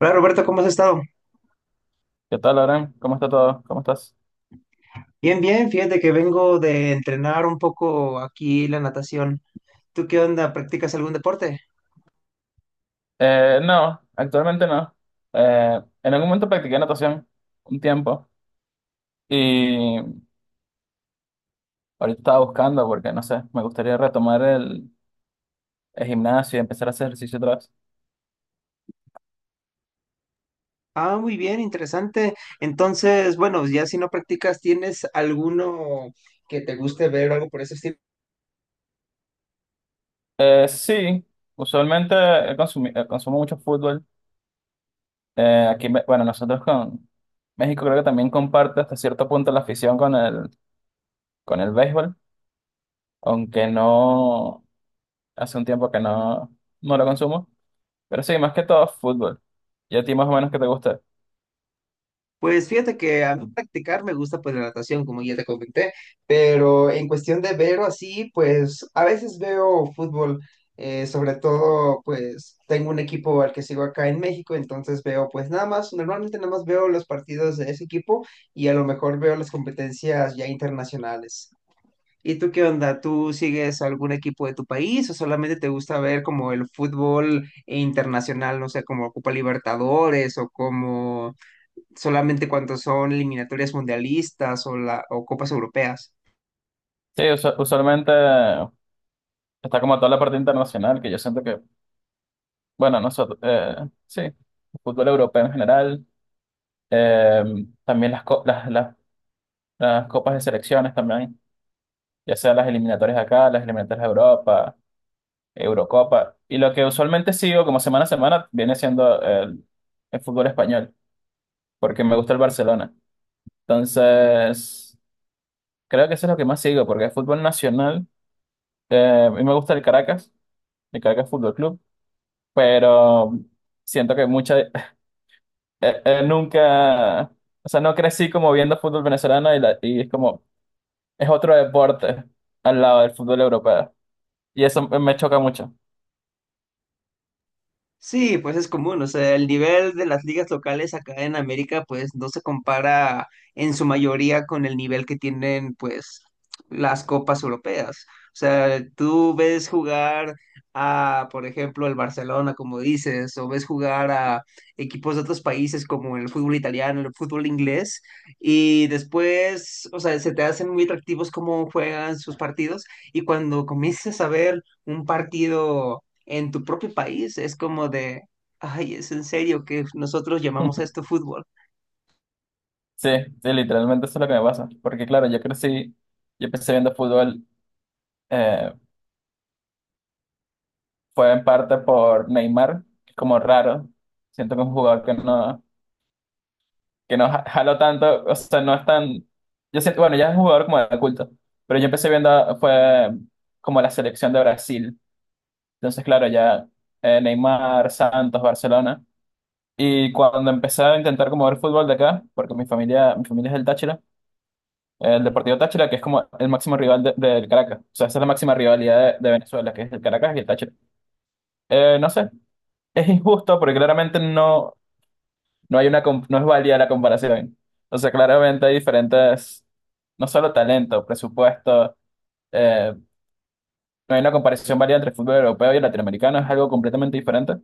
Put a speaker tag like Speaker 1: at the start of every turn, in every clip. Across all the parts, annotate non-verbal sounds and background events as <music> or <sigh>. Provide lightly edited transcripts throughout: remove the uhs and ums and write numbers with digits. Speaker 1: Hola Roberto, ¿cómo has estado?
Speaker 2: ¿Qué tal, Lauren? ¿Cómo está todo? ¿Cómo estás?
Speaker 1: Bien, bien, fíjate que vengo de entrenar un poco aquí la natación. ¿Tú qué onda? ¿Practicas algún deporte?
Speaker 2: No, actualmente no. En algún momento practiqué natación un tiempo y ahorita estaba buscando porque, no sé, me gustaría retomar el gimnasio y empezar a hacer ejercicio otra vez.
Speaker 1: Ah, muy bien, interesante. Entonces, bueno, ya si no practicas, ¿tienes alguno que te guste ver o algo por eso?
Speaker 2: Sí, usualmente consumo mucho fútbol. Aquí, bueno, nosotros con México creo que también comparte hasta cierto punto la afición con con el béisbol, aunque no, hace un tiempo que no, no lo consumo. Pero sí, más que todo fútbol. ¿Y a ti más o menos qué te gusta?
Speaker 1: Pues fíjate que a mí practicar me gusta pues la natación, como ya te comenté, pero en cuestión de ver o así, pues a veces veo fútbol, sobre todo pues tengo un equipo al que sigo acá en México, entonces veo pues nada más, normalmente nada más veo los partidos de ese equipo y a lo mejor veo las competencias ya internacionales. ¿Y tú qué onda? ¿Tú sigues algún equipo de tu país o solamente te gusta ver como el fútbol internacional, no sé, como Copa Libertadores o como solamente cuando son eliminatorias mundialistas o copas europeas.
Speaker 2: Sí, usualmente está como toda la parte internacional, que yo siento que, bueno, nosotros, sí, el fútbol europeo en general, eh, también las, co- las copas de selecciones también, ya sea las eliminatorias de acá, las eliminatorias de Europa, Eurocopa, y lo que usualmente sigo como semana a semana viene siendo el fútbol español, porque me gusta el Barcelona. Entonces, creo que eso es lo que más sigo, porque el fútbol nacional... A mí me gusta el Caracas Fútbol Club, pero siento que mucha, <laughs> nunca, o sea, no crecí como viendo fútbol venezolano y es como, es otro deporte al lado del fútbol europeo. Y eso me choca mucho.
Speaker 1: Sí, pues es común, o sea, el nivel de las ligas locales acá en América pues no se compara en su mayoría con el nivel que tienen pues las copas europeas. O sea, tú ves jugar a, por ejemplo, el Barcelona, como dices, o ves jugar a equipos de otros países como el fútbol italiano, el fútbol inglés, y después, o sea, se te hacen muy atractivos cómo juegan sus partidos, y cuando comienzas a ver un partido en tu propio país es como de, ay, ¿es en serio que nosotros llamamos esto
Speaker 2: <laughs>
Speaker 1: fútbol?
Speaker 2: Sí, sí, literalmente eso es lo que me pasa. Porque claro, yo crecí, yo empecé viendo fútbol, eh, fue en parte por Neymar, que es como raro. Siento que es un jugador que no, jalo tanto, o sea, no es tan... Yo siento, bueno, ya es un jugador como de culto, pero yo empecé viendo, fue como la selección de Brasil. Entonces, claro, ya Neymar, Santos, Barcelona. Y cuando empecé a intentar como ver fútbol de acá, porque mi familia es del Táchira, el Deportivo Táchira, que es como el máximo rival del Caracas. O sea, esa es la máxima rivalidad de Venezuela, que es el Caracas y el Táchira. No sé, es injusto porque claramente no... No hay una, no es válida la comparación. O sea, claramente hay diferentes, no solo talento, presupuesto, eh, no hay una comparación válida entre el fútbol europeo y el latinoamericano, es algo completamente diferente.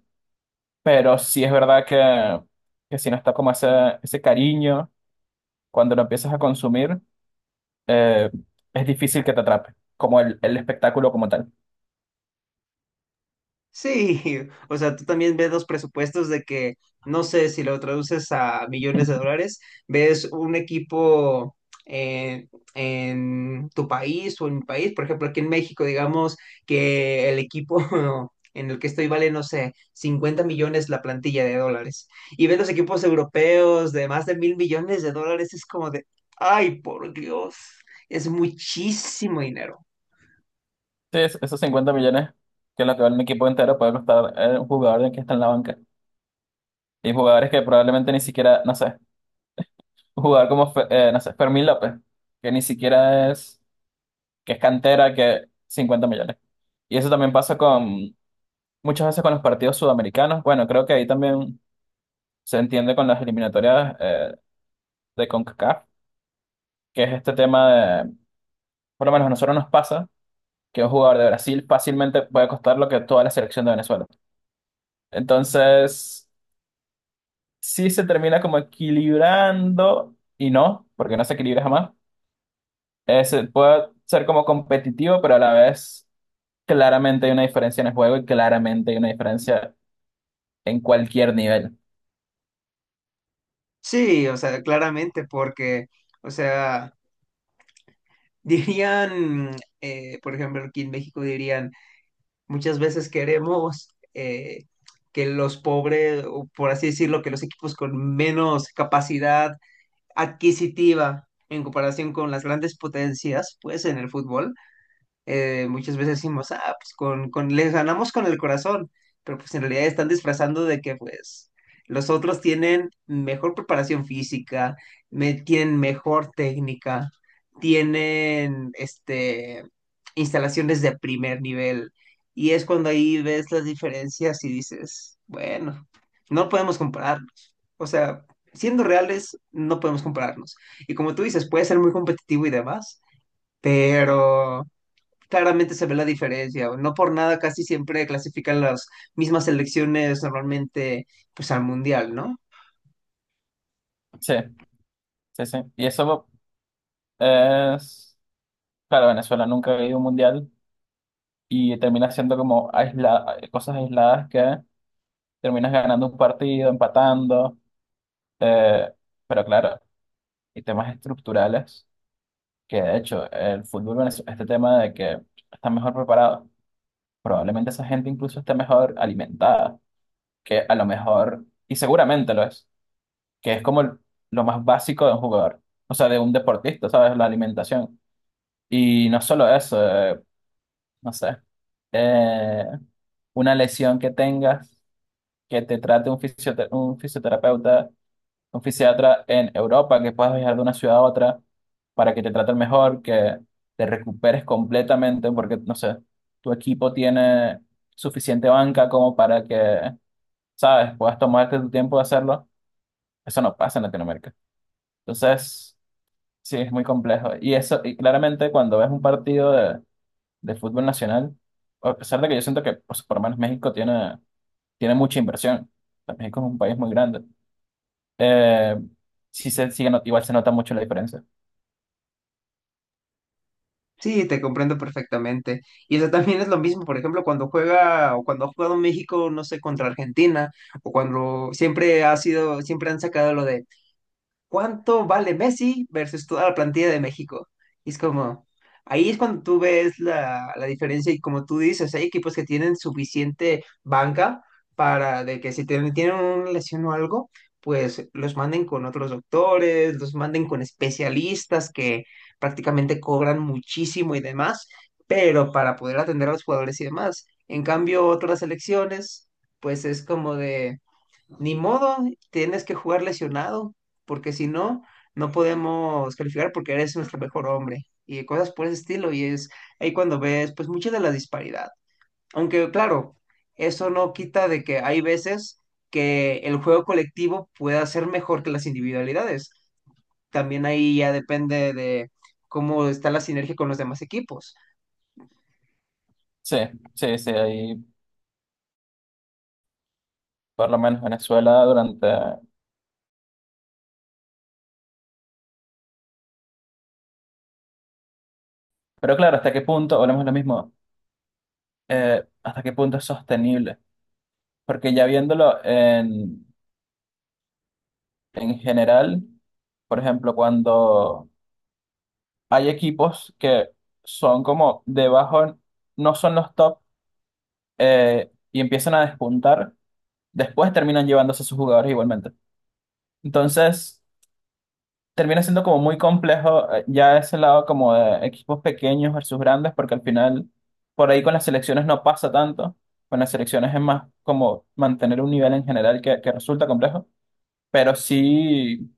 Speaker 2: Pero sí es verdad que si no está como ese cariño, cuando lo empiezas a consumir, eh, es difícil que te atrape, como el espectáculo como tal.
Speaker 1: Sí, <laughs> o sea, tú también ves los presupuestos de que, no sé, si lo traduces a millones de dólares, ves un equipo en, en tu país o en mi país, por ejemplo, aquí en México, digamos que el equipo <laughs> en el que estoy vale, no sé, 50 millones la plantilla de dólares. Y ves los equipos europeos de más de 1,000 millones de dólares, es como de, ay, por Dios, es muchísimo dinero.
Speaker 2: Sí, esos 50 millones que es lo que vale un equipo entero puede costar un jugador de que está en la banca. Y jugadores que probablemente ni siquiera, no sé. Un jugador como, no sé, Fermín López, que ni siquiera es, que es cantera, que 50 millones. Y eso también pasa con muchas veces con los partidos sudamericanos. Bueno, creo que ahí también se entiende con las eliminatorias de CONCACAF, que es este tema de, por lo menos a nosotros nos pasa, que un jugador de Brasil fácilmente puede costar lo que toda la selección de Venezuela. Entonces, sí se termina como equilibrando y no, porque no se equilibra jamás. Se puede ser como competitivo, pero a la vez claramente hay una diferencia en el juego y claramente hay una diferencia en cualquier nivel.
Speaker 1: Sí, o sea, claramente, porque, o sea, <laughs> dirían, por ejemplo, aquí en México dirían, muchas veces queremos eh, que los pobres, o por así decirlo, que los equipos con menos capacidad adquisitiva en comparación con las grandes potencias, pues en el fútbol, muchas veces decimos, ah, pues les ganamos con el corazón, pero pues en realidad están disfrazando de que pues los otros tienen mejor preparación física, tienen mejor técnica, tienen este, instalaciones de primer nivel, y es cuando ahí ves las diferencias y dices, bueno, no podemos compararnos. O sea, siendo reales, no podemos compararnos. Y como tú dices, puede ser muy competitivo y demás, pero claramente se ve la diferencia. No por nada casi siempre clasifican las mismas selecciones normalmente pues al mundial, ¿no?
Speaker 2: Sí, sí, sí. Y eso es, claro, Venezuela nunca ha ido a un mundial y termina siendo como cosas aisladas que terminas ganando un partido, empatando, eh, pero claro, y temas estructurales que de hecho el fútbol venezolano, este tema de que está mejor preparado, probablemente esa gente incluso esté mejor alimentada, que a lo mejor, y seguramente lo es que es como lo más básico de un jugador, o sea, de un deportista, ¿sabes? La alimentación. Y no solo eso, no sé, eh, una lesión que tengas, que te trate un un fisioterapeuta, un fisiatra en Europa, que puedas viajar de una ciudad a otra para que te traten mejor, que te recuperes completamente, porque, no sé, tu equipo tiene suficiente banca como para ¿sabes?, puedas tomarte tu tiempo de hacerlo. Eso no pasa en Latinoamérica. Entonces... Sí, es muy complejo. Y eso, y claramente cuando ves un partido de fútbol nacional, a pesar de que yo siento que pues, por lo menos México tiene, tiene mucha inversión. O sea, México es un país muy grande. Eh, sí se sigue, igual se nota mucho la diferencia.
Speaker 1: Sí, te comprendo perfectamente. Y eso también es lo mismo, por ejemplo, cuando juega o cuando ha jugado México, no sé, contra Argentina, o cuando siempre ha sido, siempre han sacado lo de ¿cuánto vale Messi versus toda la plantilla de México? Y es como, ahí es cuando tú ves la diferencia y como tú dices, hay equipos que tienen suficiente banca para de que si tienen una lesión o algo, pues los manden con otros doctores, los manden con especialistas que prácticamente cobran muchísimo y demás, pero para poder atender a los jugadores y demás. En cambio, otras selecciones, pues es como de... Ni modo, tienes que jugar lesionado, porque si no, no podemos calificar porque eres nuestro mejor hombre y cosas por ese estilo. Y es ahí cuando ves, pues, mucha de la disparidad. Aunque, claro, eso no quita de que hay veces que el juego colectivo pueda ser mejor que las individualidades. También ahí ya depende de cómo está la sinergia con los demás equipos.
Speaker 2: Sí, sí, sí, ahí por lo menos Venezuela durante... Pero claro, ¿hasta qué punto, volvemos a lo mismo, hasta qué punto es sostenible? Porque ya viéndolo en general, por ejemplo, cuando hay equipos que son como debajo, no son los top y empiezan a despuntar, después terminan llevándose a sus jugadores igualmente. Entonces, termina siendo como muy complejo ya ese lado como de equipos pequeños versus grandes, porque al final por ahí con las selecciones no pasa tanto, con las selecciones es más como mantener un nivel en general que resulta complejo, pero sí.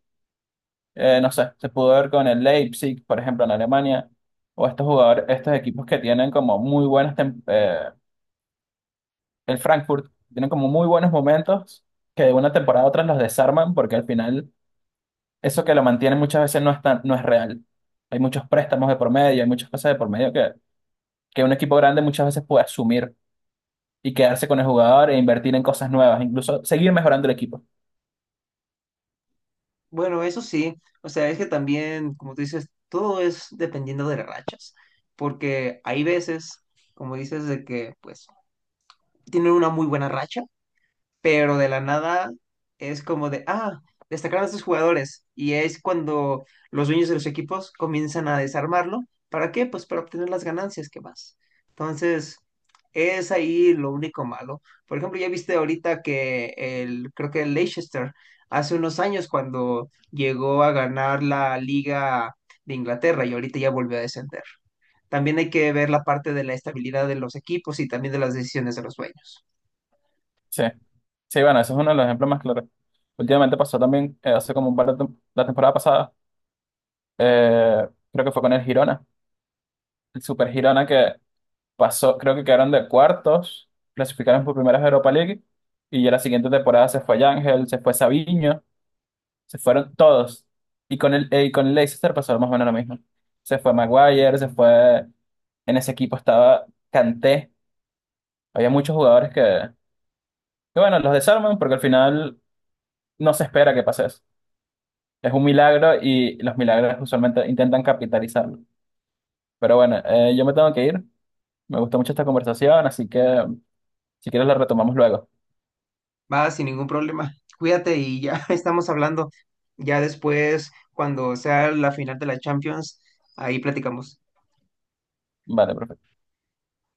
Speaker 2: No sé, se pudo ver con el Leipzig, por ejemplo, en Alemania, o estos jugadores, estos equipos que tienen como muy buenas, el Frankfurt, tienen como muy buenos momentos que de una temporada a otra los desarman porque al final eso que lo mantiene muchas veces no es real. Hay muchos préstamos de por medio, hay muchas cosas de por medio que un equipo grande muchas veces puede asumir y quedarse con el jugador e invertir en cosas nuevas, incluso seguir mejorando el equipo.
Speaker 1: Bueno, eso sí, o sea, es que también, como tú dices, todo es dependiendo de las rachas, porque hay veces, como dices, de que pues tienen una muy buena racha pero de la nada es como de, ah, destacaron a estos jugadores. Y es cuando los dueños de los equipos comienzan a desarmarlo. ¿Para qué? Pues para obtener las ganancias que más. Entonces, es ahí lo único malo. Por ejemplo, ya viste ahorita que el, creo que el Leicester, hace unos años cuando llegó a ganar la Liga de Inglaterra y ahorita ya volvió a descender. También hay que ver la parte de la estabilidad de los equipos y también de las decisiones de los dueños.
Speaker 2: Sí, sí, bueno, ese es uno de los ejemplos más claros. Últimamente pasó también, hace como un par de la temporada pasada. Creo que fue con el Girona, el Super Girona que pasó, creo que quedaron de cuartos, clasificaron por primera vez a Europa League y ya la siguiente temporada se fue Ángel, se fue Sabiño, se fueron todos. Y con y con el Leicester pasó más o menos lo mismo. Se fue Maguire, se fue, en ese equipo estaba Kanté, había muchos jugadores que bueno, los desarman porque al final no se espera que pase eso. Es un milagro y los milagros usualmente intentan capitalizarlo. Pero bueno, yo me tengo que ir. Me gustó mucho esta conversación, así que si quieres la retomamos luego.
Speaker 1: Va, sin ningún problema. Cuídate y ya <laughs> estamos hablando. Ya después, cuando sea la final de la Champions, ahí platicamos.
Speaker 2: Vale, perfecto.